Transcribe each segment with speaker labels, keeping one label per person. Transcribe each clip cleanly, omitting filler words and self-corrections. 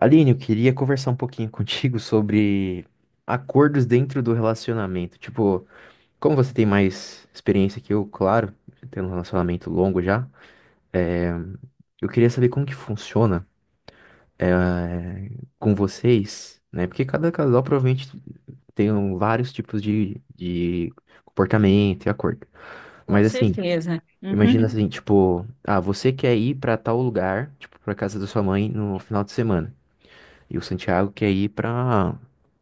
Speaker 1: Aline, eu queria conversar um pouquinho contigo sobre acordos dentro do relacionamento. Tipo, como você tem mais experiência que eu, claro, tendo um relacionamento longo já, é, eu queria saber como que funciona eh, com vocês, né? Porque cada casal provavelmente tem vários tipos de comportamento e acordo.
Speaker 2: Com
Speaker 1: Mas assim,
Speaker 2: certeza. Uhum.
Speaker 1: imagina. Uhum. Assim, tipo, ah, você quer ir pra tal lugar, tipo, pra casa da sua mãe no final de semana. E o Santiago quer ir pra,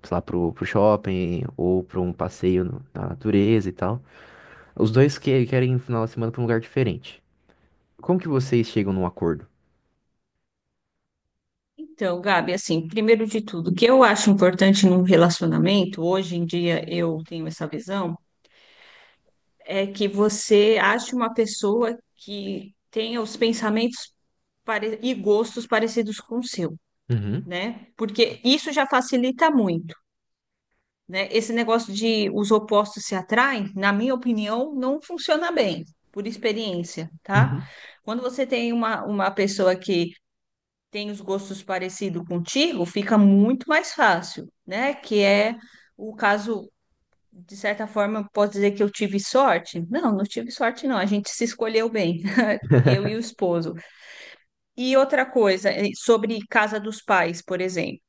Speaker 1: sei lá, pro shopping ou pra um passeio na natureza e tal. Os dois querem ir no final de semana pra um lugar diferente. Como que vocês chegam num acordo?
Speaker 2: Então, Gabi, assim, primeiro de tudo, o que eu acho importante num relacionamento, hoje em dia eu tenho essa visão, é que você ache uma pessoa que tenha os pensamentos e gostos parecidos com o seu,
Speaker 1: Uhum,
Speaker 2: né? Porque isso já facilita muito, né? Esse negócio de os opostos se atraem, na minha opinião, não funciona bem, por experiência, tá?
Speaker 1: uhum,
Speaker 2: Quando você tem uma pessoa que tem os gostos parecidos contigo, fica muito mais fácil, né? Que é o caso, de certa forma, posso dizer que eu tive sorte? Não, não tive sorte, não. A gente se escolheu bem, eu e o esposo. E outra coisa, sobre casa dos pais, por exemplo.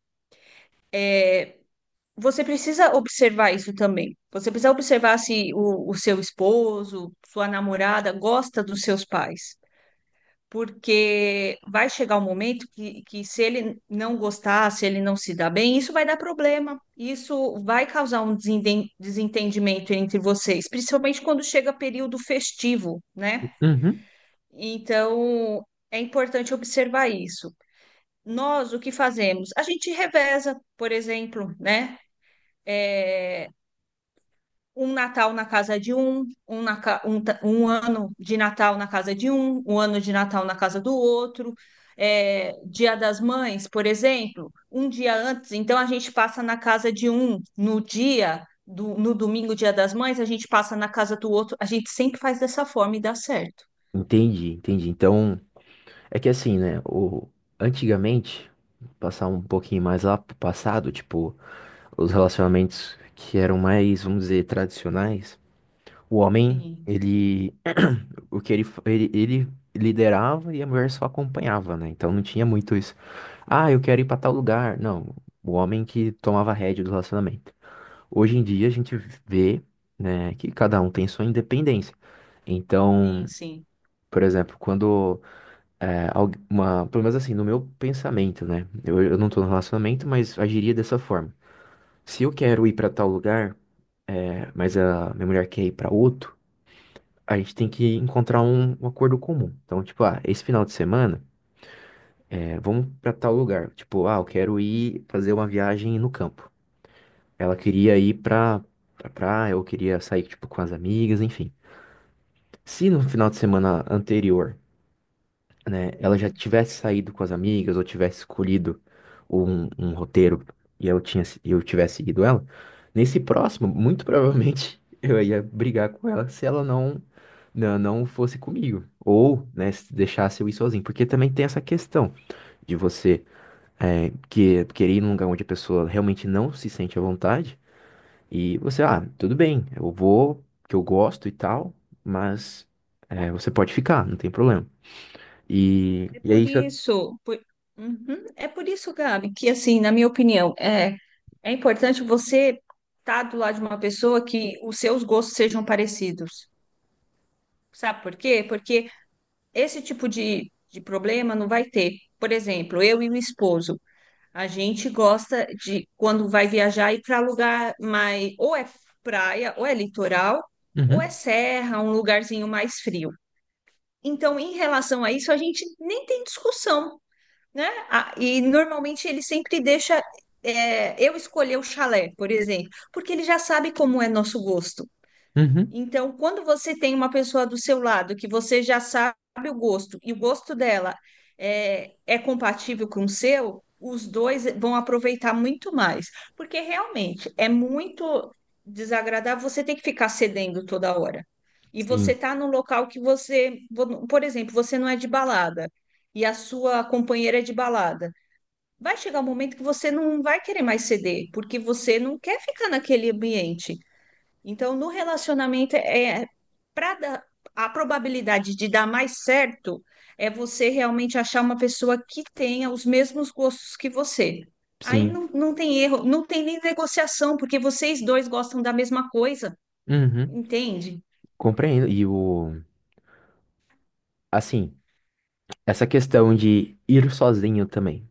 Speaker 2: Você precisa observar isso também. Você precisa observar se o, o seu esposo, sua namorada gosta dos seus pais. Porque vai chegar um momento que se ele não gostar, se ele não se dar bem, isso vai dar problema. Isso vai causar um desentendimento entre vocês, principalmente quando chega período festivo, né?
Speaker 1: uhum.
Speaker 2: Então, é importante observar isso. Nós, o que fazemos? A gente reveza, por exemplo, né? Um Natal na casa de um, um, na ca- um ta- um ano de Natal na casa de um, um ano de Natal na casa do outro. É, Dia das Mães, por exemplo, um dia antes, então a gente passa na casa de um, no domingo, Dia das Mães, a gente passa na casa do outro. A gente sempre faz dessa forma e dá certo.
Speaker 1: Entendi, entendi. Então, é que assim, né? Antigamente, passar um pouquinho mais lá pro passado, tipo, os relacionamentos que eram mais, vamos dizer, tradicionais, o homem,
Speaker 2: Sim,
Speaker 1: ele o que ele, fa- ele liderava e a mulher só acompanhava, né? Então não tinha muito isso. Ah, eu quero ir pra tal lugar. Não, o homem que tomava a rédea do relacionamento. Hoje em dia a gente vê, né, que cada um tem sua independência. Então,
Speaker 2: sim, sim.
Speaker 1: por exemplo, quando uma, pelo menos assim, no meu pensamento, né? Eu não tô no relacionamento, mas agiria dessa forma. Se eu quero ir pra tal lugar, mas a minha mulher quer ir pra outro, a gente tem que encontrar um acordo comum. Então, tipo, ah, esse final de semana, vamos pra tal lugar. Tipo, ah, eu quero ir fazer uma viagem no campo. Ela queria ir pra praia, eu queria sair, tipo, com as amigas, enfim. Se no final de semana anterior, né, ela já
Speaker 2: Sim.
Speaker 1: tivesse saído com as amigas ou tivesse escolhido um roteiro e e eu tivesse seguido ela, nesse próximo, muito provavelmente eu ia brigar com ela se ela não fosse comigo ou, né, se deixasse eu ir sozinho, porque também tem essa questão de você querer ir num lugar onde a pessoa realmente não se sente à vontade e você, ah, tudo bem, eu vou, que eu gosto e tal, mas você pode ficar, não tem problema. E,
Speaker 2: É
Speaker 1: e é
Speaker 2: por
Speaker 1: isso.
Speaker 2: isso. Uhum. É por isso, Gabi, que assim, na minha opinião, é importante você estar do lado de uma pessoa que os seus gostos sejam parecidos. Sabe por quê? Porque esse tipo de problema não vai ter. Por exemplo, eu e o esposo, a gente gosta de, quando vai viajar, ir para lugar mais, ou é praia, ou é litoral, ou é
Speaker 1: Uhum.
Speaker 2: serra, um lugarzinho mais frio. Então, em relação a isso, a gente nem tem discussão, né? Ah, e normalmente ele sempre deixa eu escolher o chalé, por exemplo, porque ele já sabe como é nosso gosto.
Speaker 1: Uhum.
Speaker 2: Então, quando você tem uma pessoa do seu lado que você já sabe o gosto e o gosto dela é compatível com o seu, os dois vão aproveitar muito mais. Porque realmente é muito desagradável você ter que ficar cedendo toda hora. E você
Speaker 1: Sim,
Speaker 2: tá num local que você, por exemplo, você não é de balada e a sua companheira é de balada. Vai chegar um momento que você não vai querer mais ceder, porque você não quer ficar naquele ambiente. Então, no relacionamento, é, para a probabilidade de dar mais certo é você realmente achar uma pessoa que tenha os mesmos gostos que você. Aí
Speaker 1: sim.
Speaker 2: não, não tem erro, não tem nem negociação, porque vocês dois gostam da mesma coisa,
Speaker 1: Uhum.
Speaker 2: entende?
Speaker 1: Compreendo. E assim, essa questão de ir sozinho também,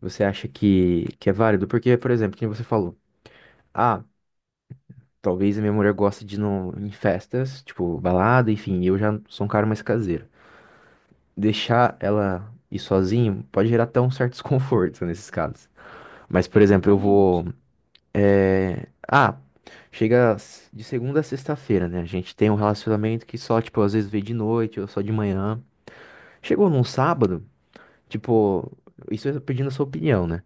Speaker 1: você acha que é válido? Porque, por exemplo, como você falou, ah, talvez a minha mulher goste de ir no, em festas, tipo, balada, enfim, eu já sou um cara mais caseiro. Deixar ela ir sozinho pode gerar até um certo desconforto nesses casos. Mas, por exemplo, eu vou
Speaker 2: Exatamente,
Speaker 1: É, ah, chega s- de segunda a sexta-feira, né? A gente tem um relacionamento que só, tipo, às vezes vê de noite ou só de manhã. Chegou num sábado, tipo, isso eu tô pedindo a sua opinião, né?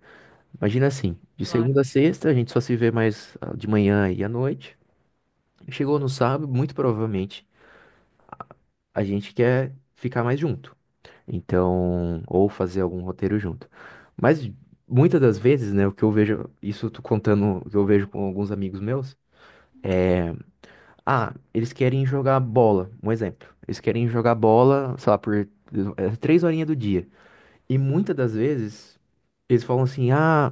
Speaker 1: Imagina assim, de
Speaker 2: claro,
Speaker 1: segunda a sexta a gente só se vê mais de manhã e à noite. Chegou no sábado, muito provavelmente, a gente quer ficar mais junto. Então, ou fazer algum roteiro junto. Mas muitas das vezes, né, o que eu vejo, isso eu tô contando, o que eu vejo com alguns amigos meus. é, Ah, eles querem jogar bola, um exemplo. Eles querem jogar bola, sei lá, por três horinhas do dia. E muitas das vezes eles falam assim: ah,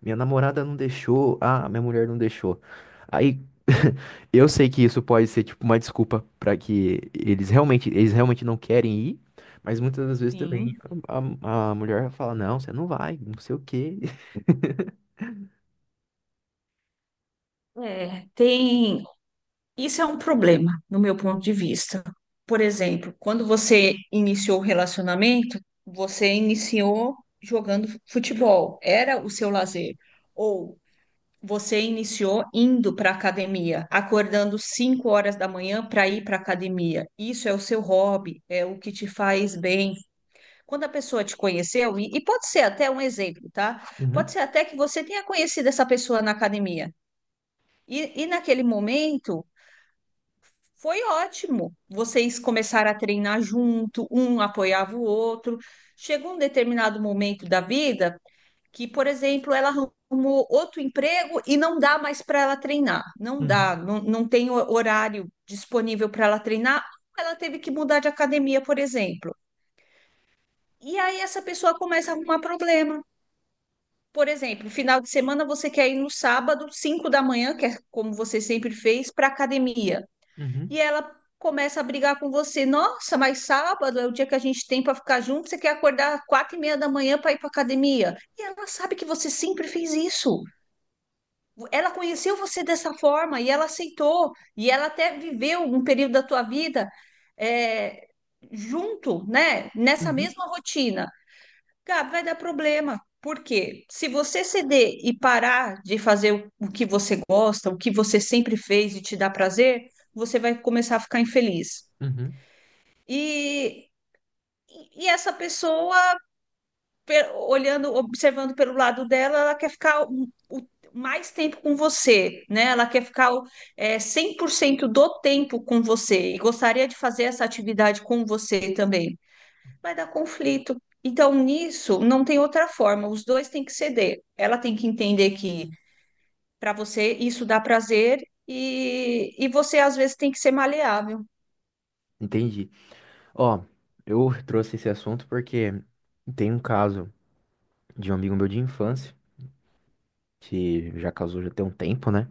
Speaker 1: minha namorada não deixou, ah, minha mulher não deixou. Aí eu sei que isso pode ser tipo uma desculpa pra que eles realmente não querem ir, mas muitas das vezes também
Speaker 2: sim.
Speaker 1: a mulher fala: não, você não vai, não sei o quê.
Speaker 2: É, tem. Isso é um problema, no meu ponto de vista. Por exemplo, quando você iniciou o relacionamento, você iniciou jogando futebol, era o seu lazer. Ou você iniciou indo para a academia, acordando 5 horas da manhã para ir para a academia. Isso é o seu hobby, é o que te faz bem. Quando a pessoa te conheceu, e pode ser até um exemplo, tá? Pode
Speaker 1: Uhum,
Speaker 2: ser até que você tenha conhecido essa pessoa na academia. E naquele momento foi ótimo. Vocês começaram a treinar junto, um apoiava o outro. Chegou um determinado momento da vida que, por exemplo, ela arrumou outro emprego e não dá mais para ela treinar. Não
Speaker 1: uhum,
Speaker 2: dá, não, não tem horário disponível para ela treinar. Ela teve que mudar de academia, por exemplo. E aí essa pessoa começa a arrumar problema. Por exemplo, final de semana você quer ir no sábado, 5 da manhã, que é como você sempre fez, para academia,
Speaker 1: uhum,
Speaker 2: e ela começa a brigar com você. Nossa, mas sábado é o dia que a gente tem para ficar junto. Você quer acordar às 4h30 da manhã para ir para academia? E ela sabe que você sempre fez isso. Ela conheceu você dessa forma e ela aceitou. E ela até viveu um período da tua vida, é, junto, né? Nessa
Speaker 1: uhum,
Speaker 2: mesma rotina. Gabi, vai dar problema. Porque se você ceder e parar de fazer o que você gosta, o que você sempre fez e te dá prazer, você vai começar a ficar infeliz.
Speaker 1: uhum.
Speaker 2: E, e essa pessoa, olhando, observando pelo lado dela, ela quer ficar mais tempo com você, né? Ela quer ficar 100% do tempo com você e gostaria de fazer essa atividade com você também. Vai dar conflito. Então, nisso, não tem outra forma. Os dois têm que ceder. Ela tem que entender que para você isso dá prazer e você, às vezes, tem que ser maleável.
Speaker 1: Entendi. Ó, eu trouxe esse assunto porque tem um caso de um amigo meu de infância, que já casou já tem um tempo, né?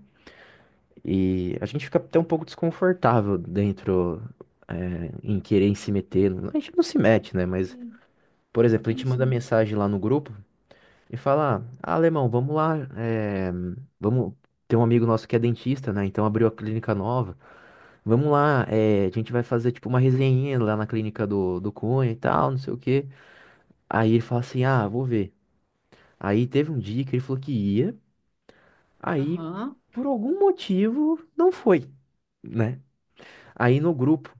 Speaker 1: E a gente fica até um pouco desconfortável dentro, em querer em se meter. A gente não se mete, né? Mas,
Speaker 2: Sim,
Speaker 1: por exemplo, a
Speaker 2: sim.
Speaker 1: gente manda
Speaker 2: Sim.
Speaker 1: mensagem lá no grupo e fala: ah, alemão, vamos lá, vamos. Tem um amigo nosso que é dentista, né? Então abriu a clínica nova. Vamos lá, a gente vai fazer tipo uma resenha lá na clínica do Cunha e tal, não sei o quê. Aí ele fala assim: ah, vou ver. Aí teve um dia que ele falou que ia, aí
Speaker 2: Aham,
Speaker 1: por algum motivo não foi, né? Aí no grupo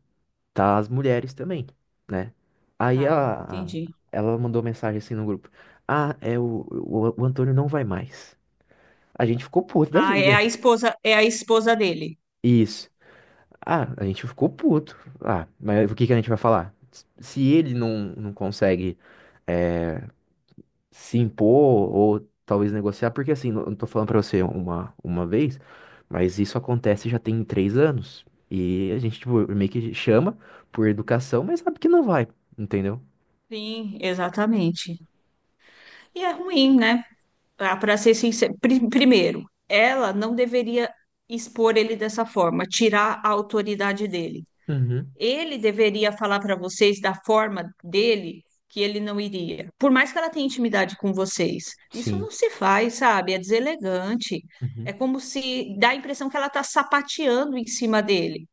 Speaker 1: tá as mulheres também, né? Aí
Speaker 2: tá, entendi.
Speaker 1: ela mandou mensagem assim no grupo: ah, é o Antônio não vai mais. A gente ficou puto da
Speaker 2: Ah,
Speaker 1: vida.
Speaker 2: é a esposa dele.
Speaker 1: Isso. Ah, a gente ficou puto. Ah, mas o que que a gente vai falar? Se ele não consegue se impor ou talvez negociar, porque assim, não tô falando pra você uma vez, mas isso acontece já tem 3 anos. E a gente, tipo, meio que chama por educação, mas sabe que não vai, entendeu?
Speaker 2: Sim, exatamente. E é ruim, né? Para ser sincero, primeiro, ela não deveria expor ele dessa forma, tirar a autoridade dele.
Speaker 1: Uhum,
Speaker 2: Ele deveria falar para vocês da forma dele que ele não iria. Por mais que ela tenha intimidade com vocês, isso
Speaker 1: sim,
Speaker 2: não se faz, sabe? É deselegante. É
Speaker 1: uhum,
Speaker 2: como se dá a impressão que ela está sapateando em cima dele.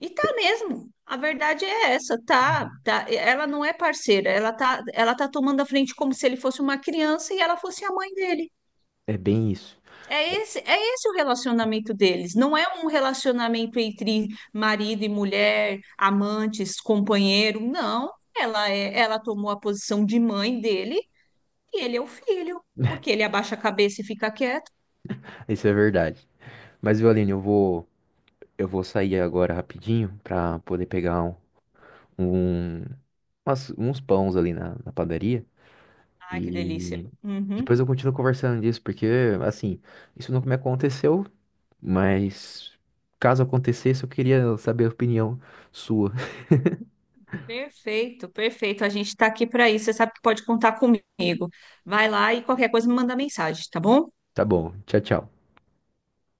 Speaker 2: E tá mesmo. A verdade é essa, tá,
Speaker 1: uhum.
Speaker 2: tá. Ela não é parceira, ela tá tomando a frente como se ele fosse uma criança e ela fosse a mãe dele.
Speaker 1: É bem isso.
Speaker 2: É esse o relacionamento deles. Não é um relacionamento entre marido e mulher, amantes, companheiro, não. Ela tomou a posição de mãe dele e ele é o filho, porque ele abaixa a cabeça e fica quieto.
Speaker 1: Isso é verdade. Mas, Violine, eu vou sair agora rapidinho pra poder pegar um- uns pães ali na padaria
Speaker 2: Ai, que delícia.
Speaker 1: e.
Speaker 2: Uhum.
Speaker 1: Depois eu continuo conversando disso, porque, assim, isso nunca me aconteceu. Mas caso acontecesse, eu queria saber a opinião sua.
Speaker 2: Perfeito, perfeito. A gente está aqui para isso. Você sabe que pode contar comigo. Vai lá e qualquer coisa me manda mensagem, tá bom?
Speaker 1: Tá bom, tchau, tchau.